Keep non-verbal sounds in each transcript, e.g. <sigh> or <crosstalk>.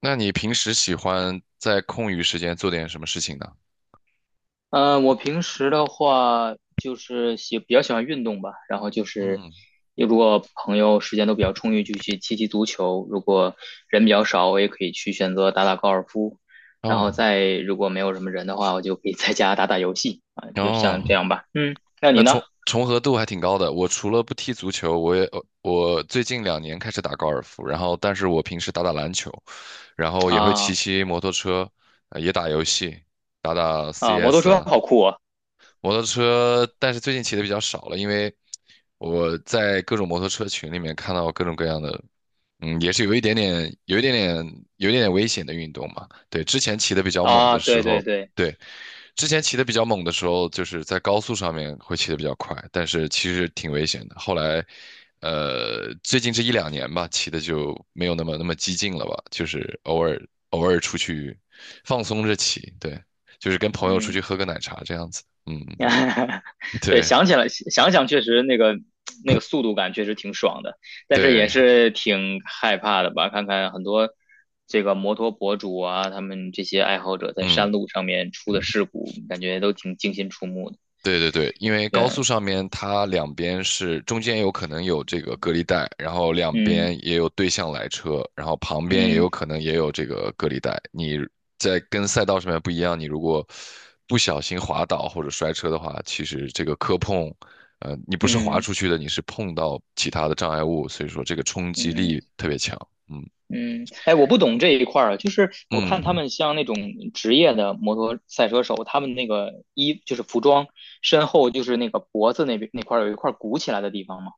那你平时喜欢在空余时间做点什么事情呢？嗯，我平时的话就是比较喜欢运动吧，然后就是嗯，如果朋友时间都比较充裕，就去踢踢足球；如果人比较少，我也可以去选择打打高尔夫。然后哦再如果没有什么人的话，我就可以在家打打游戏啊，就像这哦，样吧。嗯，那那你呢？重合度还挺高的。我除了不踢足球，我最近两年开始打高尔夫，然后但是我平时打打篮球，然后也会骑啊骑摩托车，也打游戏，打打 啊，摩托 CS 车啊。好酷啊！摩托车，但是最近骑的比较少了，因为我在各种摩托车群里面看到各种各样的。嗯，也是有一点点危险的运动嘛。对，之前骑的比较猛啊，的时对对候，对，对，之前骑的比较猛的时候，就是在高速上面会骑的比较快，但是其实挺危险的。后来，最近这一两年吧，骑的就没有那么激进了吧，就是偶尔出去放松着骑。对，就是跟朋友出去嗯 喝个奶茶这样子。嗯，<laughs> 对，对想起来想想，确实那个速度感确实挺爽的，但是对。也是挺害怕的吧？看看很多这个摩托博主啊，他们这些爱好者在嗯，山路上面出的事故，感觉都挺惊心触目的。对对对，因为高速对，上面它两边是中间有可能有这个隔离带，然后两边嗯也有对向来车，然后旁边也有嗯可能也有这个隔离带。你在跟赛道上面不一样，你如果不小心滑倒或者摔车的话，其实这个磕碰，你不是滑嗯出去的，你是碰到其他的障碍物，所以说这个冲击嗯力特别强。嗯嗯，哎，我不懂这一块儿啊，就是我看他嗯们像那种职业的摩托赛车手，他们那个衣就是服装，身后就是那个脖子那边那块儿有一块鼓起来的地方嘛。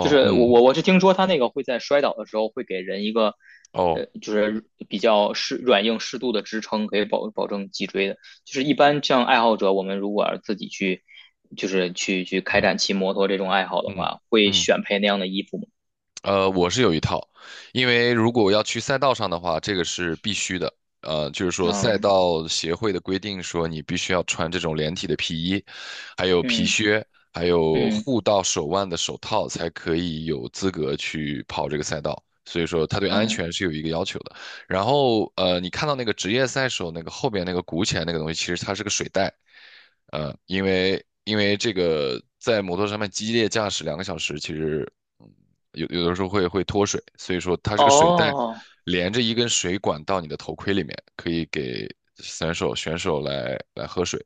就是我嗯我我是听说他那个会在摔倒的时候会给人一个哦就是比较软硬适度的支撑，可以保证脊椎的。就是一般像爱好者，我们如果要是自己去就是去开展骑摩托这种爱好的嗯话，会嗯。选配那样的衣服吗？我是有一套，因为如果要去赛道上的话，这个是必须的。就是说赛嗯道协会的规定说，你必须要穿这种连体的皮衣，还有皮嗯靴，还有嗯护到手腕的手套，才可以有资格去跑这个赛道。所以说，它对安嗯，全是有一个要求的。然后，你看到那个职业赛手那个后边那个鼓起来那个东西，其实它是个水袋。因为这个在摩托上面激烈驾驶两个小时，其实。有的时候会脱水，所以说它是个水袋，哦连着一根水管到你的头盔里面，可以给选手来喝水。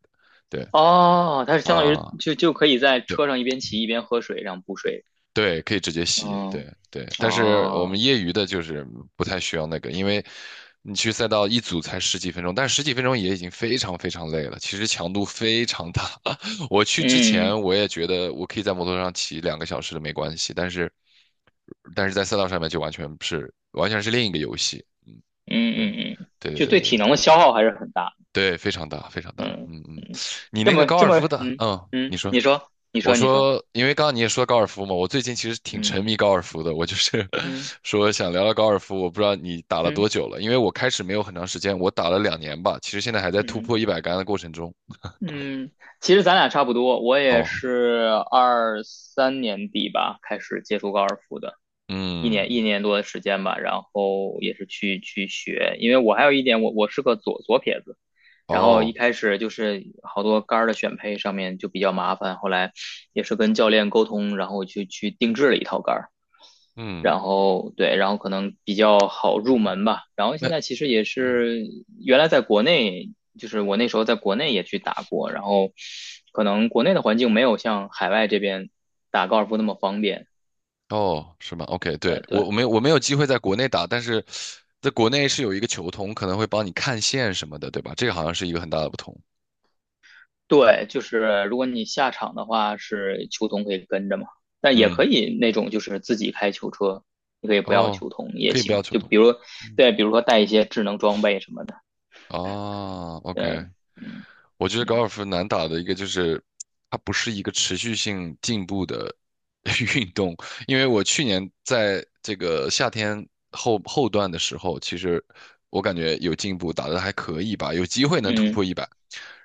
对哦，它是相当于啊，就可以在对。车上一边骑一边喝水，然后补水。对，可以直接吸，嗯对对。但是我们哦业余的就是不太需要那个，因为你去赛道一组才十几分钟，但十几分钟也已经非常非常累了，其实强度非常大。<laughs> 我去之嗯前我也觉得我可以在摩托上骑两个小时的没关系，但是在赛道上面就完全是另一个游戏。嗯对嗯嗯，嗯对就对对对体对能的消耗还是很大。对，非常大非常大。嗯嗯嗯，嗯，你这那个么高这尔么，夫的，嗯嗯，嗯，你说。你说，你我说，你说，说，因为刚刚你也说高尔夫嘛，我最近其实挺嗯沉迷高尔夫的。我就是 嗯 <laughs> 说想聊聊高尔夫，我不知道你打了嗯多久了，因为我开始没有很长时间，我打了两年吧，其实现在还在突嗯破100杆的过程中。嗯，其实咱俩差不多，我也哦，是23年底吧开始接触高尔夫的，一年嗯，一年多的时间吧，然后也是去学，因为我还有一点，我是个左撇子，然后一哦，开始就是好多杆儿的选配上面就比较麻烦，后来也是跟教练沟通，然后去定制了一套杆儿。嗯，然后对，然后可能比较好入门吧。然后现那，在其实也嗯，是原来在国内，就是我那时候在国内也去打过，然后可能国内的环境没有像海外这边打高尔夫那么方便。哦，是吗？OK，对，对我我对没有我没有机会在国内打，但是在国内是有一个球童可能会帮你看线什么的，对吧？这个好像是一个很大的不同。对，就是如果你下场的话，是球童可以跟着嘛，但也可嗯，以那种就是自己开球车，你可以不要哦，球童也可以不要行。球就童。比如嗯，对，比如说带一些智能装备什么的。哦 o k。 对，嗯我觉得高尔夫难打的一个就是，它不是一个持续性进步的 <laughs> 运动。因为我去年在这个夏天后段的时候，其实我感觉有进步，打得还可以吧，有机会能突嗯破一百。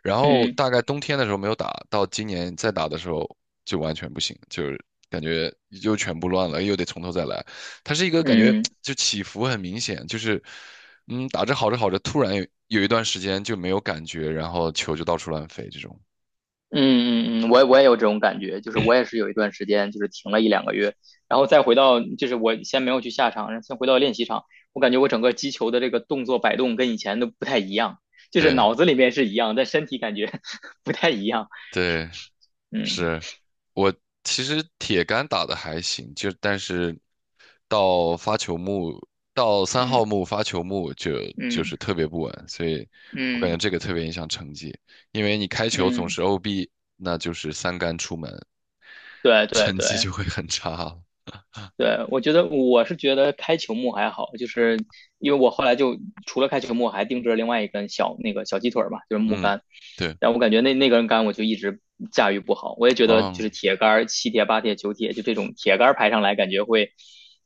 然后嗯大概冬天的时候没有打，到今年再打的时候就完全不行，就是感觉又全部乱了，又得从头再来。它是一个感觉嗯。嗯就起伏很明显，就是嗯打着好着好着，突然有一段时间就没有感觉，然后球就到处乱飞这种。嗯嗯嗯，我也有这种感觉，就是我也是有一段时间就是停了一两个月，然后再回到就是我先没有去下场，然后先回到练习场，我感觉我整个击球的这个动作摆动跟以前都不太一样，就是对脑子里面是一样，但身体感觉 <laughs> 不太一样。对，嗯是我其实铁杆打的还行，就但是到发球木到三号嗯木发球木就嗯是特别不稳，所以我感嗯觉这个特别影响成绩，因为你开球总嗯，是 OB，那就是三杆出门，对对成绩对。就会很差了。对，我觉得觉得开球幕还好，就是因为我后来就除了开球幕，还定制了另外一根那个小鸡腿儿嘛，就是木嗯，杆。对，但我感觉那根杆我就一直驾驭不好，我也觉得就哦，是铁杆7铁8铁9铁，就这种铁杆排上来，感觉会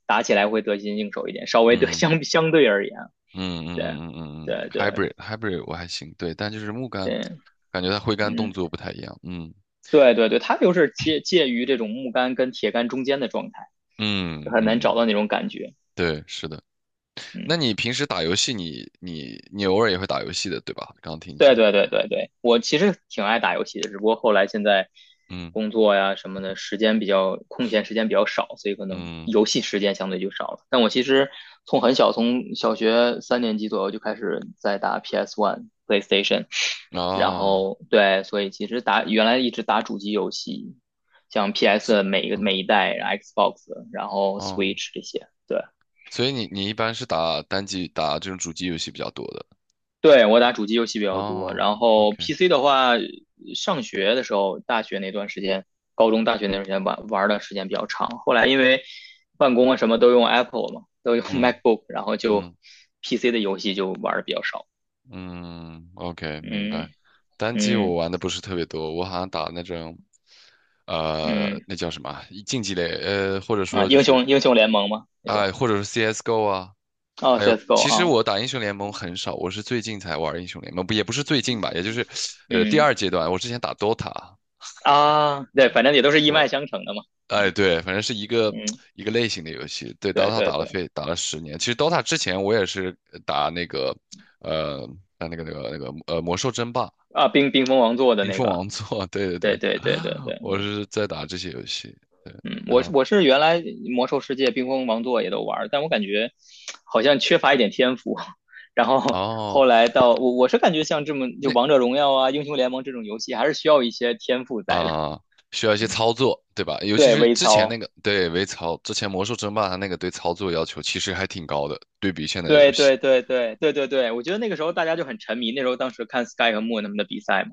打起来会得心应手一点，稍微得 <laughs> 嗯相对而言，嗯嗯对嗯嗯嗯嗯对对，hybrid 我还行，对，但就是木杆，对，感觉它挥杆动嗯，作不太一样。嗯对对对，它就是介于这种木杆跟铁杆中间的状态，嗯嗯很难找嗯，到那种感觉，对，是的。嗯。那你平时打游戏你偶尔也会打游戏的，对吧？刚刚听你对讲。对对对对，我其实挺爱打游戏的，只不过后来现在嗯工作呀什么的，时间比较空闲，时间比较少，所以可能嗯，游戏时间相对就少了。但我其实从很小，从小学三年级左右就开始在打 PS One、PlayStation,然哦，后对，所以其实原来一直打主机游戏，像 所 PS 每一代、Xbox,然后 哦，Switch 这些，对。所以你一般是打单机打这种主机游戏比较多的。对，我打主机游戏比较多，哦然后 ，OK，PC 的话，上学的时候，大学那段时间，高中、大学那段时间玩玩的时间比较长。后来因为办公啊什么都用 Apple 嘛，都用 <laughs> 嗯 MacBook,然后就 嗯 PC 的游戏就玩的比较少。嗯，OK，明嗯白。单机我嗯玩的不是特别多，我好像打那种，嗯那叫什么啊，竞技类，或者啊，说就英是，雄英雄联盟嘛那种。哎、或者是 CS:GO 啊，哦还有，，CS:GO 其实啊，我打英雄联盟很少，我是最近才玩英雄联盟，不也不是最近吧，也就是，第嗯二阶段。我之前打 DOTA，啊，对，反正也都是一我，脉相承的嘛。嗯哎，对，反正是一个嗯，一个类型的游戏。对对，DOTA 对打了对非打了10年。其实 DOTA 之前我也是打那个，呃，打那个那个那个魔兽争霸、啊，冰封王座的冰那封个，王座。<laughs> 对对对对，对对对对。我是在打这些游戏。对，嗯，然我后是我是原来魔兽世界、冰封王座也都玩儿，但我感觉好像缺乏一点天赋。<laughs> 然后哦，后来到我我是感觉像就王者那荣耀啊、英雄联盟这种游戏，还是需要一些天赋在的。啊、需要一些嗯，操作，对吧？尤其对，是微之前那操，个，对，微操，之前魔兽争霸它那个对操作要求其实还挺高的，对比现在的游对戏对对对对对对，我觉得那个时候大家就很沉迷，那时候当时看 Sky 和 Moon 他们的比赛嘛，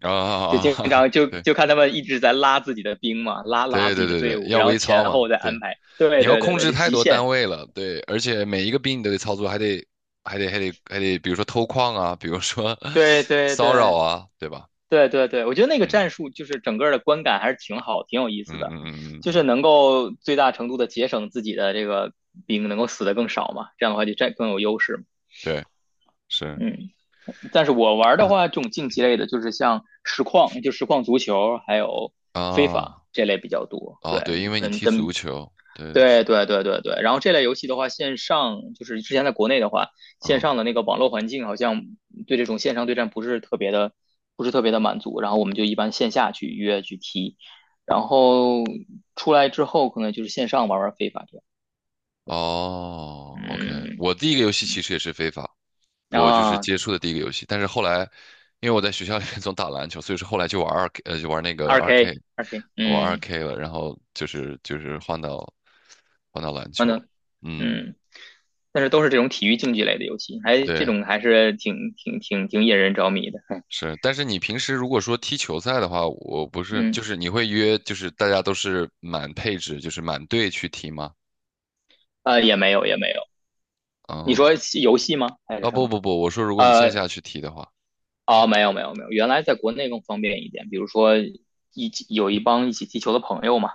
就经啊。常 <laughs> 就对就看他们一直在拉自己的兵嘛，拉拉对自对己的对队对，伍，要然后微操前嘛，后再对，安排。对你要对对控对，制就太极多限。单位了，对，而且每一个兵你都得操作，还得，比如说偷矿啊，比如说 对 <laughs> 对骚扰对啊，对吧？对对对，我觉得那个嗯战术就是整个的观感还是挺好，挺有意思嗯的，嗯嗯嗯就是嗯，能够最大程度的节省自己的这个兵，能够死的更少嘛，这样的话就占更有优势嘛。对，是，嗯，但是我玩的嗯话，这种竞技类的，就是像实况，就实况足球，还有非法啊，这类比较多。哦，对，因对，为你踢足球，对，是。对对对对对，然后这类游戏的话，线上就是之前在国内的话，线啊上的那个网络环境好像对这种线上对战不是特别的满足，然后我们就一般线下去约去踢，然后出来之后可能就是线上玩玩非法这样，哦，OK，嗯我第一个游戏其实也是非法，嗯我就是啊，接触的第一个游戏，但是后来，因为我在学校里面 <laughs> 总打篮球，所以说后来就玩二 K，就玩那个二 二 K K，二 K,玩二 嗯，K 了，然后就是换到篮完球了。了嗯，嗯，但是都是这种体育竞技类的游戏，这对，种还是挺引人着迷的，是，但是你平时如果说踢球赛的话，我不是就嗯是你会约就是大家都是满配置，就是满队去踢吗？啊，也没有也没有，你说哦，游戏吗还是啊什不么？不不，我说如果你线呃，下去踢的话。哦，没有没有没有，原来在国内更方便一点，比如说有一帮一起踢球的朋友嘛，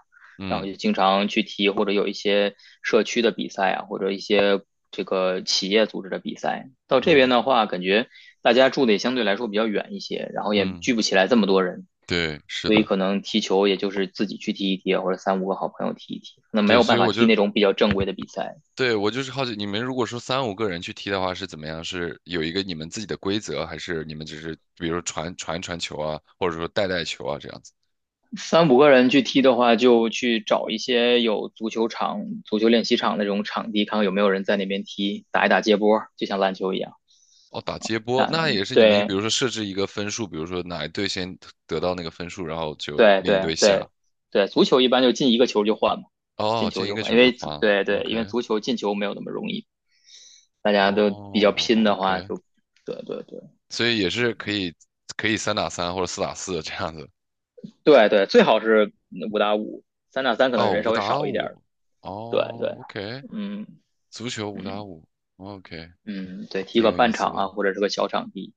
然后嗯就经常去踢，或者有一些社区的比赛啊，或者一些这个企业组织的比赛。到这嗯边的话，感觉大家住的也相对来说比较远一些，然后也嗯，聚不起来这么多人，对，是所以的。可能踢球也就是自己去踢一踢啊，或者三五个好朋友踢一踢，可能没对，有所办以法踢那种比较正规的比赛。对，我就是好奇，你们如果说三五个人去踢的话是怎么样？是有一个你们自己的规则，还是你们只是比如说传球啊，或者说带带球啊这样子？三五个人去踢的话，就去找一些有足球场、足球练习场那种场地，看看有没有人在那边踢，打一打接波，就像篮球一样。哦，打接波，但那也是你们，比对如说设置一个分数，比如说哪一队先得到那个分数，然后就对另一对队下。对对，足球一般就进一个球就换嘛，哦，进球进一就个换，球因就为足花了。对对，因为 OK，足球进球没有那么容易，大家都比较哦拼的话，OK，就，对对对所以也是可以三打三或者四打四这样子。对对，最好是5打5，3打3可能哦，人稍五微打少一点儿，五。对哦对，，OK，嗯足球五打嗯五。OK。嗯，对，踢挺个有意半思场的。啊，或者是个小场地。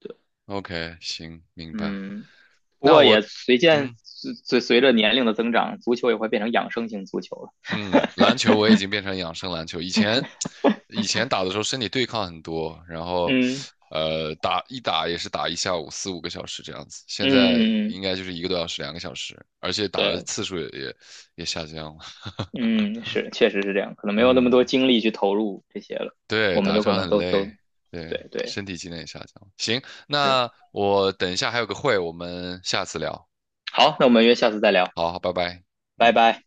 对。OK，行，明白。嗯，不那过我，也随见嗯随随随着年龄的增长，足球也会变成养生型足球了。嗯，篮球我已经变成养生篮球。以前打的时候身体对抗很多，然后嗯打一打也是打一下午4、5个小时这样子。现在嗯，应该就是1个多小时、两个小时，而且打的对，次数也下降了。<laughs> 嗯是，确实是这样，可能没有那么多嗯，精力去投入这些了，对，我们打一都可场能很都，累，对，对对，身体机能也下降了。行，是。那我等一下还有个会，我们下次聊。好，那我们约下次再聊，好，好，拜拜。拜嗯。拜。